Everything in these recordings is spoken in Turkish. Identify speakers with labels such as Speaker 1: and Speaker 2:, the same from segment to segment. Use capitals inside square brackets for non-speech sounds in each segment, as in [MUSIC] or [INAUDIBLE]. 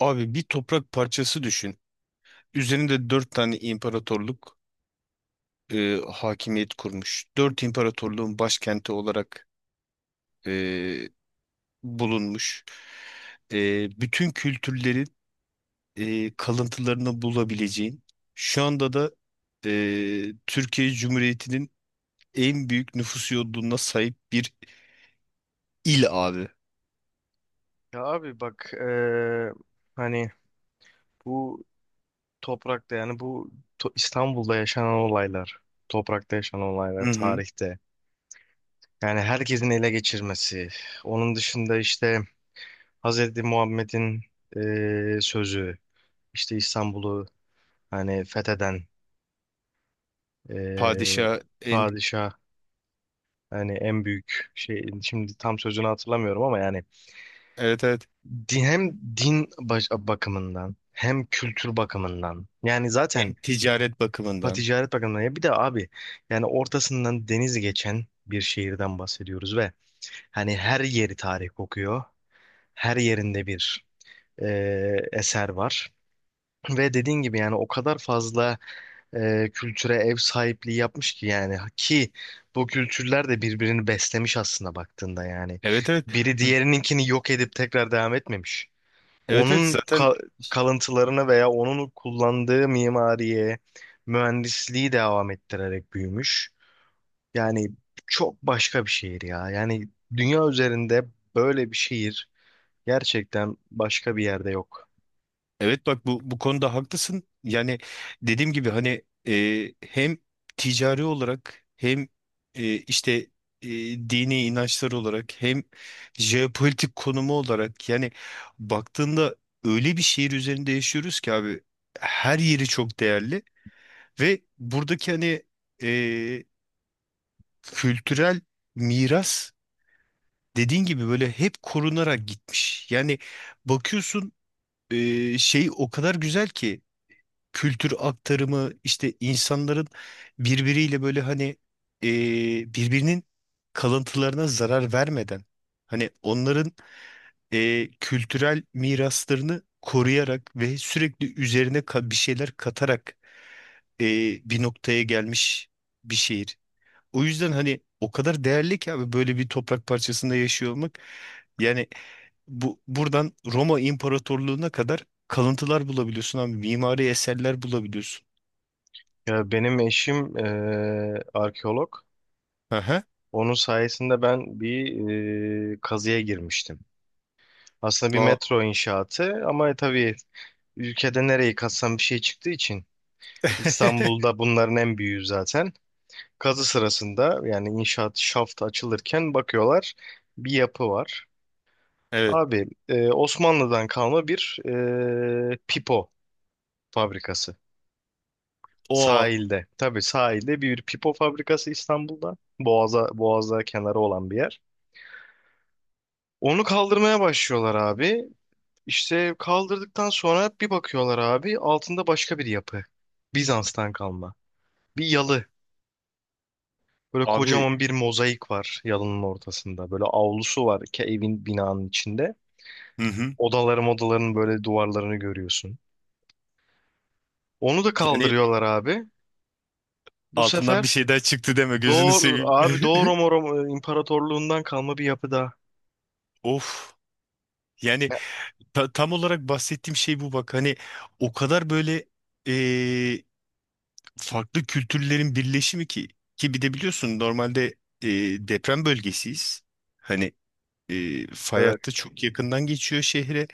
Speaker 1: Abi bir toprak parçası düşün. Üzerinde dört tane imparatorluk hakimiyet kurmuş. Dört imparatorluğun başkenti olarak e, bulunmuş. Bütün kültürlerin kalıntılarını bulabileceğin. Şu anda da Türkiye Cumhuriyeti'nin en büyük nüfus yoğunluğuna sahip bir il abi.
Speaker 2: Ya abi bak hani bu toprakta yani bu İstanbul'da yaşanan olaylar, toprakta yaşanan olaylar
Speaker 1: Hı hı.
Speaker 2: tarihte. Yani herkesin ele geçirmesi. Onun dışında işte Hazreti Muhammed'in sözü, işte İstanbul'u hani fetheden eee,
Speaker 1: Padişah en,
Speaker 2: padişah hani en büyük şey şimdi tam sözünü hatırlamıyorum ama yani
Speaker 1: evet evet,
Speaker 2: din, hem din bakımından hem kültür bakımından yani
Speaker 1: hem
Speaker 2: zaten.
Speaker 1: ticaret
Speaker 2: Ha,
Speaker 1: bakımından.
Speaker 2: Ticaret Bakanlığı'na ya bir de abi yani ortasından deniz geçen bir şehirden bahsediyoruz ve hani her yeri tarih kokuyor. Her yerinde bir e, eser var. Ve dediğin gibi yani o kadar fazla kültüre ev sahipliği yapmış ki yani ki bu kültürler de birbirini beslemiş aslında baktığında yani.
Speaker 1: Evet evet.
Speaker 2: Biri diğerininkini yok edip tekrar devam etmemiş
Speaker 1: Evet evet
Speaker 2: onun
Speaker 1: zaten.
Speaker 2: ka- kalıntılarını veya onun kullandığı mimariye, mühendisliği devam ettirerek büyümüş. Yani çok başka bir şehir ya. Yani dünya üzerinde böyle bir şehir gerçekten başka bir yerde yok.
Speaker 1: Evet bak, bu konuda haklısın. Yani dediğim gibi, hani hem ticari olarak, hem işte e, dini inançlar olarak, hem jeopolitik konumu olarak, yani baktığında öyle bir şehir üzerinde yaşıyoruz ki abi, her yeri çok değerli. Ve buradaki hani e, kültürel miras, dediğin gibi böyle hep korunarak gitmiş. Yani bakıyorsun şey, o kadar güzel ki kültür aktarımı, işte insanların birbiriyle böyle hani e, birbirinin kalıntılarına zarar vermeden, hani onların kültürel miraslarını koruyarak ve sürekli üzerine bir şeyler katarak e, bir noktaya gelmiş bir şehir. O yüzden hani o kadar değerli ki abi, böyle bir toprak parçasında yaşıyor olmak. Yani buradan Roma İmparatorluğu'na kadar kalıntılar bulabiliyorsun abi, mimari eserler bulabiliyorsun.
Speaker 2: Ya benim eşim arkeolog.
Speaker 1: Aha.
Speaker 2: Onun sayesinde ben bir kazıya girmiştim. Aslında bir
Speaker 1: Aa,
Speaker 2: metro inşaatı ama tabii ülkede nereyi kazsam bir şey çıktığı için
Speaker 1: [LAUGHS]
Speaker 2: İstanbul'da bunların en büyüğü zaten. Kazı sırasında yani inşaat şaftı açılırken bakıyorlar bir yapı var.
Speaker 1: evet.
Speaker 2: Abi Osmanlı'dan kalma bir pipo fabrikası
Speaker 1: O
Speaker 2: sahilde. Tabii sahilde bir pipo fabrikası İstanbul'da. Boğaz'a kenarı olan bir yer. Onu kaldırmaya başlıyorlar abi. İşte kaldırdıktan sonra bir bakıyorlar abi altında başka bir yapı. Bizans'tan kalma. Bir yalı. Böyle
Speaker 1: abi.
Speaker 2: kocaman bir mozaik var yalının ortasında. Böyle avlusu var ki evin binanın içinde.
Speaker 1: Hı hı.
Speaker 2: Odaların böyle duvarlarını görüyorsun. Onu da
Speaker 1: Yani
Speaker 2: kaldırıyorlar abi. Bu
Speaker 1: altından
Speaker 2: sefer
Speaker 1: bir şey daha çıktı deme, gözünü
Speaker 2: doğru
Speaker 1: seveyim.
Speaker 2: abi
Speaker 1: [LAUGHS]
Speaker 2: Roma İmparatorluğundan kalma bir yapı daha.
Speaker 1: Of. Yani tam olarak bahsettiğim şey bu, bak. Hani o kadar böyle eee, farklı kültürlerin birleşimi ki, ki bir de biliyorsun, normalde deprem bölgesiyiz. Hani fay
Speaker 2: Evet.
Speaker 1: hattı çok yakından geçiyor şehre.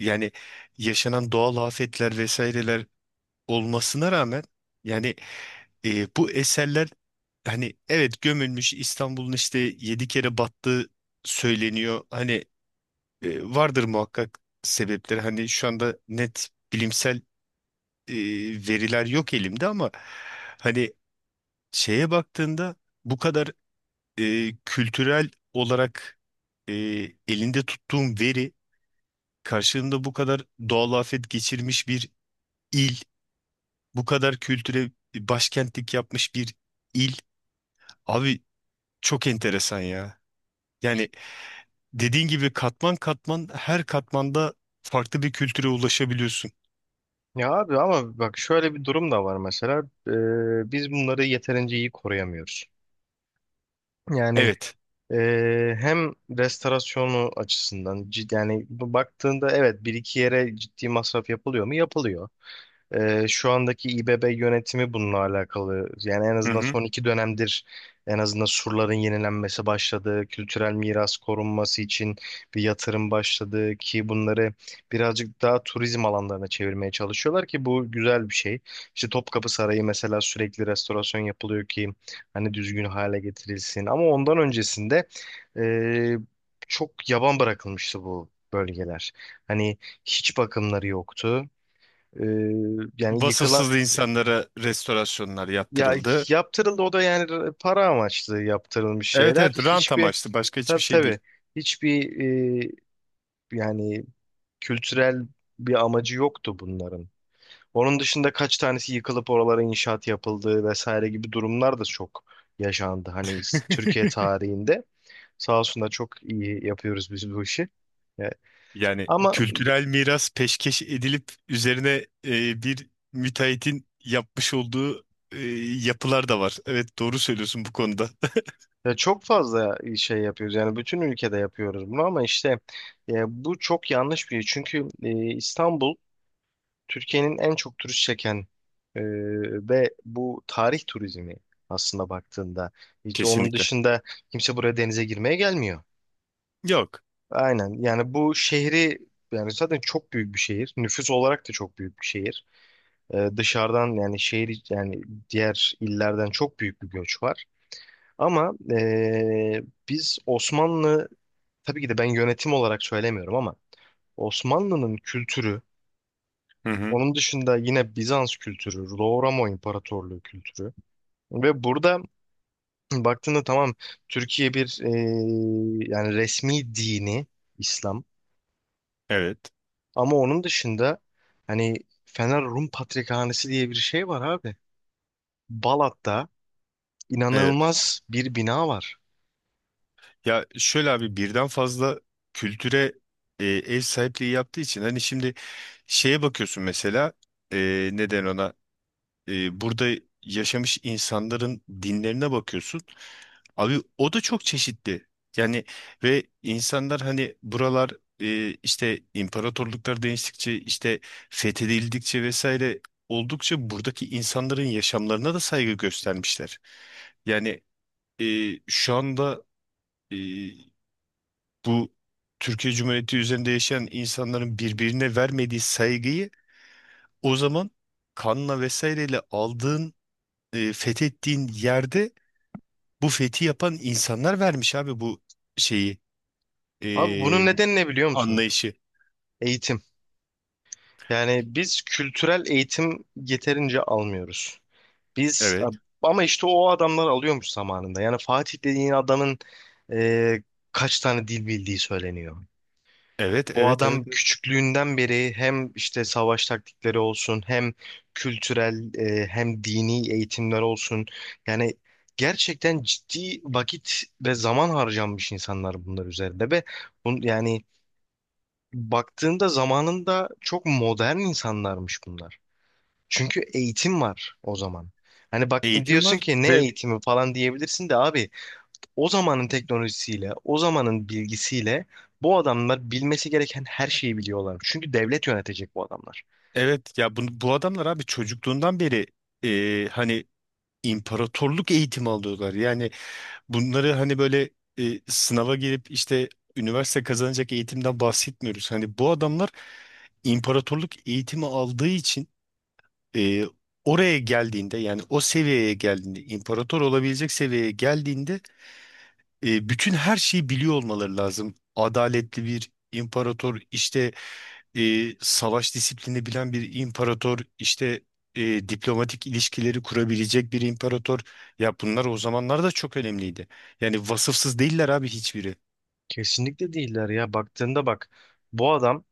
Speaker 1: Yani yaşanan doğal afetler vesaireler olmasına rağmen, yani bu eserler, hani evet, gömülmüş. İstanbul'un işte 7 kere battığı söyleniyor. Hani vardır muhakkak sebepleri. Hani şu anda net bilimsel e, veriler yok elimde, ama hani şeye baktığında, bu kadar kültürel olarak e, elinde tuttuğum veri karşılığında bu kadar doğal afet geçirmiş bir il, bu kadar kültüre başkentlik yapmış bir il. Abi çok enteresan ya. Yani dediğin gibi katman katman, her katmanda farklı bir kültüre ulaşabiliyorsun.
Speaker 2: Ya abi ama bak şöyle bir durum da var mesela. Biz bunları yeterince iyi koruyamıyoruz. Yani
Speaker 1: Evet.
Speaker 2: hem restorasyonu açısından yani bu baktığında evet bir iki yere ciddi masraf yapılıyor mu? Yapılıyor. Şu andaki İBB yönetimi bununla alakalı. Yani en
Speaker 1: Hı
Speaker 2: azından
Speaker 1: hı.
Speaker 2: son iki dönemdir en azından surların yenilenmesi başladı. Kültürel miras korunması için bir yatırım başladı ki bunları birazcık daha turizm alanlarına çevirmeye çalışıyorlar ki bu güzel bir şey. İşte Topkapı Sarayı mesela sürekli restorasyon yapılıyor ki hani düzgün hale getirilsin. Ama ondan öncesinde e, çok yaban bırakılmıştı bu bölgeler. Hani hiç bakımları yoktu. Ee, yani yıkılan,
Speaker 1: Vasıfsız insanlara restorasyonlar
Speaker 2: ya,
Speaker 1: yaptırıldı.
Speaker 2: yaptırıldı o da yani para amaçlı yaptırılmış
Speaker 1: Evet
Speaker 2: şeyler.
Speaker 1: evet, rant
Speaker 2: Hiçbir,
Speaker 1: amaçlı, başka hiçbir
Speaker 2: tabii
Speaker 1: şey değil.
Speaker 2: tabii, hiçbir e, yani kültürel bir amacı yoktu bunların. Onun dışında kaç tanesi yıkılıp oralara inşaat yapıldı vesaire gibi durumlar da çok yaşandı. Hani Türkiye
Speaker 1: [LAUGHS]
Speaker 2: tarihinde sağ olsun da çok iyi yapıyoruz biz bu işi. Ya.
Speaker 1: Yani
Speaker 2: Ama.
Speaker 1: kültürel miras peşkeş edilip üzerine bir müteahhitin yapmış olduğu e, yapılar da var. Evet doğru söylüyorsun bu konuda.
Speaker 2: Ya çok fazla şey yapıyoruz yani bütün ülkede yapıyoruz bunu ama işte bu çok yanlış bir şey. Çünkü İstanbul Türkiye'nin en çok turist çeken, e, ve bu tarih turizmi aslında baktığında,
Speaker 1: [LAUGHS]
Speaker 2: hiç onun
Speaker 1: Kesinlikle.
Speaker 2: dışında kimse buraya denize girmeye gelmiyor.
Speaker 1: Yok.
Speaker 2: Aynen yani bu şehri, yani zaten çok büyük bir şehir. Nüfus olarak da çok büyük bir şehir. E, dışarıdan yani şehir yani diğer illerden çok büyük bir göç var. Ama biz Osmanlı, tabii ki de ben yönetim olarak söylemiyorum ama Osmanlı'nın kültürü,
Speaker 1: Hı hı.
Speaker 2: onun dışında yine Bizans kültürü, Doğu Roma İmparatorluğu kültürü ve burada [CLEARS THROAT] baktığında tamam Türkiye bir yani resmi dini İslam
Speaker 1: Evet.
Speaker 2: ama onun dışında hani Fener Rum Patrikhanesi diye bir şey var abi. Balat'ta
Speaker 1: Evet.
Speaker 2: inanılmaz bir bina var.
Speaker 1: Ya şöyle abi, birden fazla kültüre ev sahipliği yaptığı için, hani şimdi şeye bakıyorsun mesela, neden ona burada yaşamış insanların dinlerine bakıyorsun. Abi o da çok çeşitli. Yani ve insanlar hani buralar işte imparatorluklar değiştikçe, işte fethedildikçe vesaire oldukça, buradaki insanların yaşamlarına da saygı göstermişler. Yani şu anda e, bu Türkiye Cumhuriyeti üzerinde yaşayan insanların birbirine vermediği saygıyı, o zaman kanla vesaireyle aldığın, fethettiğin yerde bu fethi yapan insanlar vermiş abi bu şeyi,
Speaker 2: Abi
Speaker 1: e,
Speaker 2: bunun nedeni ne biliyor musun?
Speaker 1: anlayışı.
Speaker 2: Eğitim. Yani biz kültürel eğitim yeterince almıyoruz. Biz,
Speaker 1: Evet,
Speaker 2: ama işte o adamlar alıyormuş zamanında. Yani Fatih dediğin adamın e, kaç tane dil bildiği söyleniyor.
Speaker 1: evet,
Speaker 2: O
Speaker 1: evet, evet,
Speaker 2: adam
Speaker 1: evet.
Speaker 2: küçüklüğünden beri hem işte savaş taktikleri olsun hem kültürel, hem dini eğitimler olsun. Yani gerçekten ciddi vakit ve zaman harcanmış insanlar bunlar üzerinde ve bun, yani baktığında zamanında çok modern insanlarmış bunlar. Çünkü eğitim var o zaman. Hani baktın
Speaker 1: Eğitim
Speaker 2: diyorsun
Speaker 1: var
Speaker 2: ki ne
Speaker 1: ve
Speaker 2: eğitimi falan diyebilirsin de abi o zamanın teknolojisiyle, o zamanın bilgisiyle bu adamlar bilmesi gereken her şeyi biliyorlar. Çünkü devlet yönetecek bu adamlar.
Speaker 1: evet, ya bu adamlar abi çocukluğundan beri hani imparatorluk eğitimi alıyorlar. Yani bunları hani böyle sınava girip işte üniversite kazanacak eğitimden bahsetmiyoruz. Hani bu adamlar imparatorluk eğitimi aldığı için e, oraya geldiğinde, yani o seviyeye geldiğinde, imparator olabilecek seviyeye geldiğinde bütün her şeyi biliyor olmaları lazım. Adaletli bir imparator, işte e, savaş disiplini bilen bir imparator, işte diplomatik ilişkileri kurabilecek bir imparator. Ya bunlar o zamanlar da çok önemliydi. Yani vasıfsız değiller abi, hiçbiri.
Speaker 2: Kesinlikle değiller ya. Baktığında bak bu adam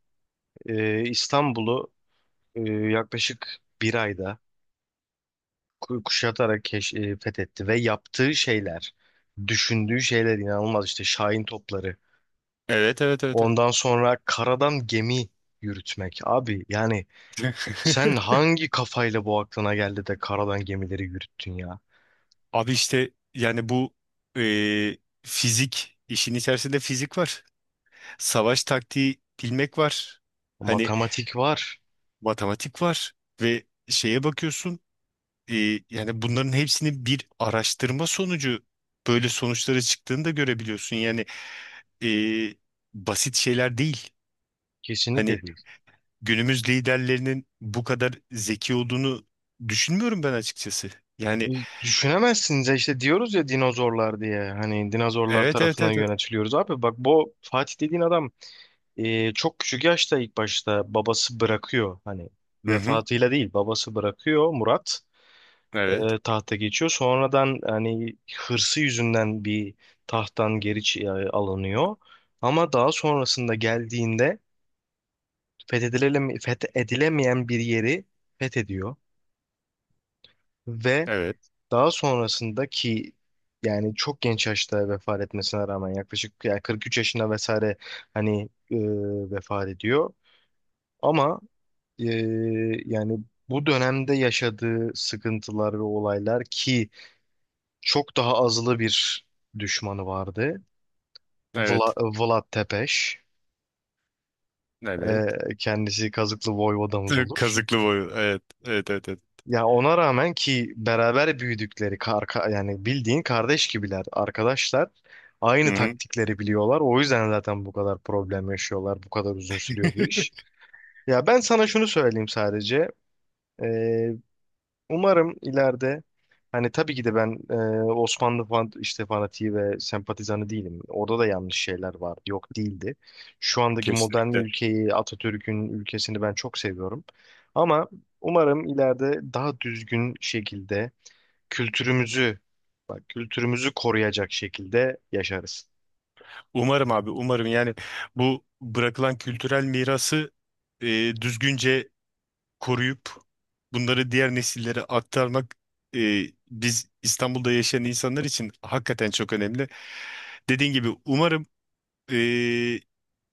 Speaker 2: İstanbul'u yaklaşık bir ayda kuşatarak fethetti ve yaptığı şeyler, düşündüğü şeyler inanılmaz işte Şahin topları.
Speaker 1: Evet evet evet evet.
Speaker 2: Ondan
Speaker 1: [LAUGHS]
Speaker 2: sonra karadan gemi yürütmek. Abi yani sen hangi kafayla bu aklına geldi de karadan gemileri yürüttün ya?
Speaker 1: Abi işte yani bu e, fizik, işin içerisinde fizik var. Savaş taktiği bilmek var. Hani
Speaker 2: Matematik var.
Speaker 1: matematik var ve şeye bakıyorsun e, yani bunların hepsini bir araştırma sonucu böyle sonuçları çıktığını da görebiliyorsun. Yani e, basit şeyler değil.
Speaker 2: Kesinlikle
Speaker 1: Hani
Speaker 2: değil.
Speaker 1: günümüz liderlerinin bu kadar zeki olduğunu düşünmüyorum ben açıkçası.
Speaker 2: E,
Speaker 1: Yani
Speaker 2: Düşünemezsiniz ya, işte diyoruz ya dinozorlar diye. Hani dinozorlar
Speaker 1: evet evet
Speaker 2: tarafından
Speaker 1: evet. Evet.
Speaker 2: yönetiliyoruz. Abi bak bu Fatih dediğin adam çok küçük yaşta ilk başta babası bırakıyor. Hani
Speaker 1: Hı hı.
Speaker 2: vefatıyla değil babası bırakıyor Murat.
Speaker 1: Evet.
Speaker 2: Tahta geçiyor. Sonradan hani hırsı yüzünden bir tahttan geri alınıyor. Ama daha sonrasında geldiğinde fethedilemeyen bir yeri fethediyor. Ve
Speaker 1: Evet.
Speaker 2: daha sonrasında ki yani çok genç yaşta vefat etmesine rağmen yaklaşık yani 43 yaşında vesaire hani e, vefat ediyor. Ama e, yani bu dönemde yaşadığı sıkıntılar ve olaylar ki çok daha azılı bir düşmanı vardı. Vla,
Speaker 1: Evet.
Speaker 2: Vlad Tepes.
Speaker 1: Evet.
Speaker 2: Kendisi Kazıklı Voyvodamız olur.
Speaker 1: Kazıklı boyu. Evet. Evet evet evet.
Speaker 2: Ya ona rağmen ki beraber büyüdükleri yani bildiğin kardeş gibiler arkadaşlar.
Speaker 1: Hı
Speaker 2: Aynı
Speaker 1: hı.
Speaker 2: taktikleri biliyorlar. O yüzden zaten bu kadar problem yaşıyorlar. Bu kadar uzun sürüyor bu
Speaker 1: [LAUGHS]
Speaker 2: iş. Ya ben sana şunu söyleyeyim sadece. Ee, Umarım ileride hani tabii ki de ben Osmanlı işte fanatiği ve sempatizanı değilim. Orada da yanlış şeyler vardı, yok değildi. Şu andaki modern
Speaker 1: Kesinlikle.
Speaker 2: ülkeyi, Atatürk'ün ülkesini ben çok seviyorum. Ama umarım ileride daha düzgün şekilde kültürümüzü, bak kültürümüzü koruyacak şekilde yaşarız.
Speaker 1: Umarım abi, umarım. Yani bu bırakılan kültürel mirası e, düzgünce koruyup bunları diğer nesillere aktarmak e, biz İstanbul'da yaşayan insanlar için hakikaten çok önemli. Dediğin gibi umarım e,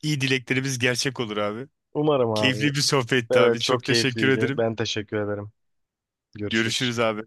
Speaker 1: iyi dileklerimiz gerçek olur abi.
Speaker 2: Umarım
Speaker 1: Keyifli
Speaker 2: abi.
Speaker 1: bir sohbetti
Speaker 2: Evet,
Speaker 1: abi.
Speaker 2: çok
Speaker 1: Çok teşekkür
Speaker 2: keyifliydi.
Speaker 1: ederim.
Speaker 2: Ben teşekkür ederim. Görüşürüz.
Speaker 1: Görüşürüz abi.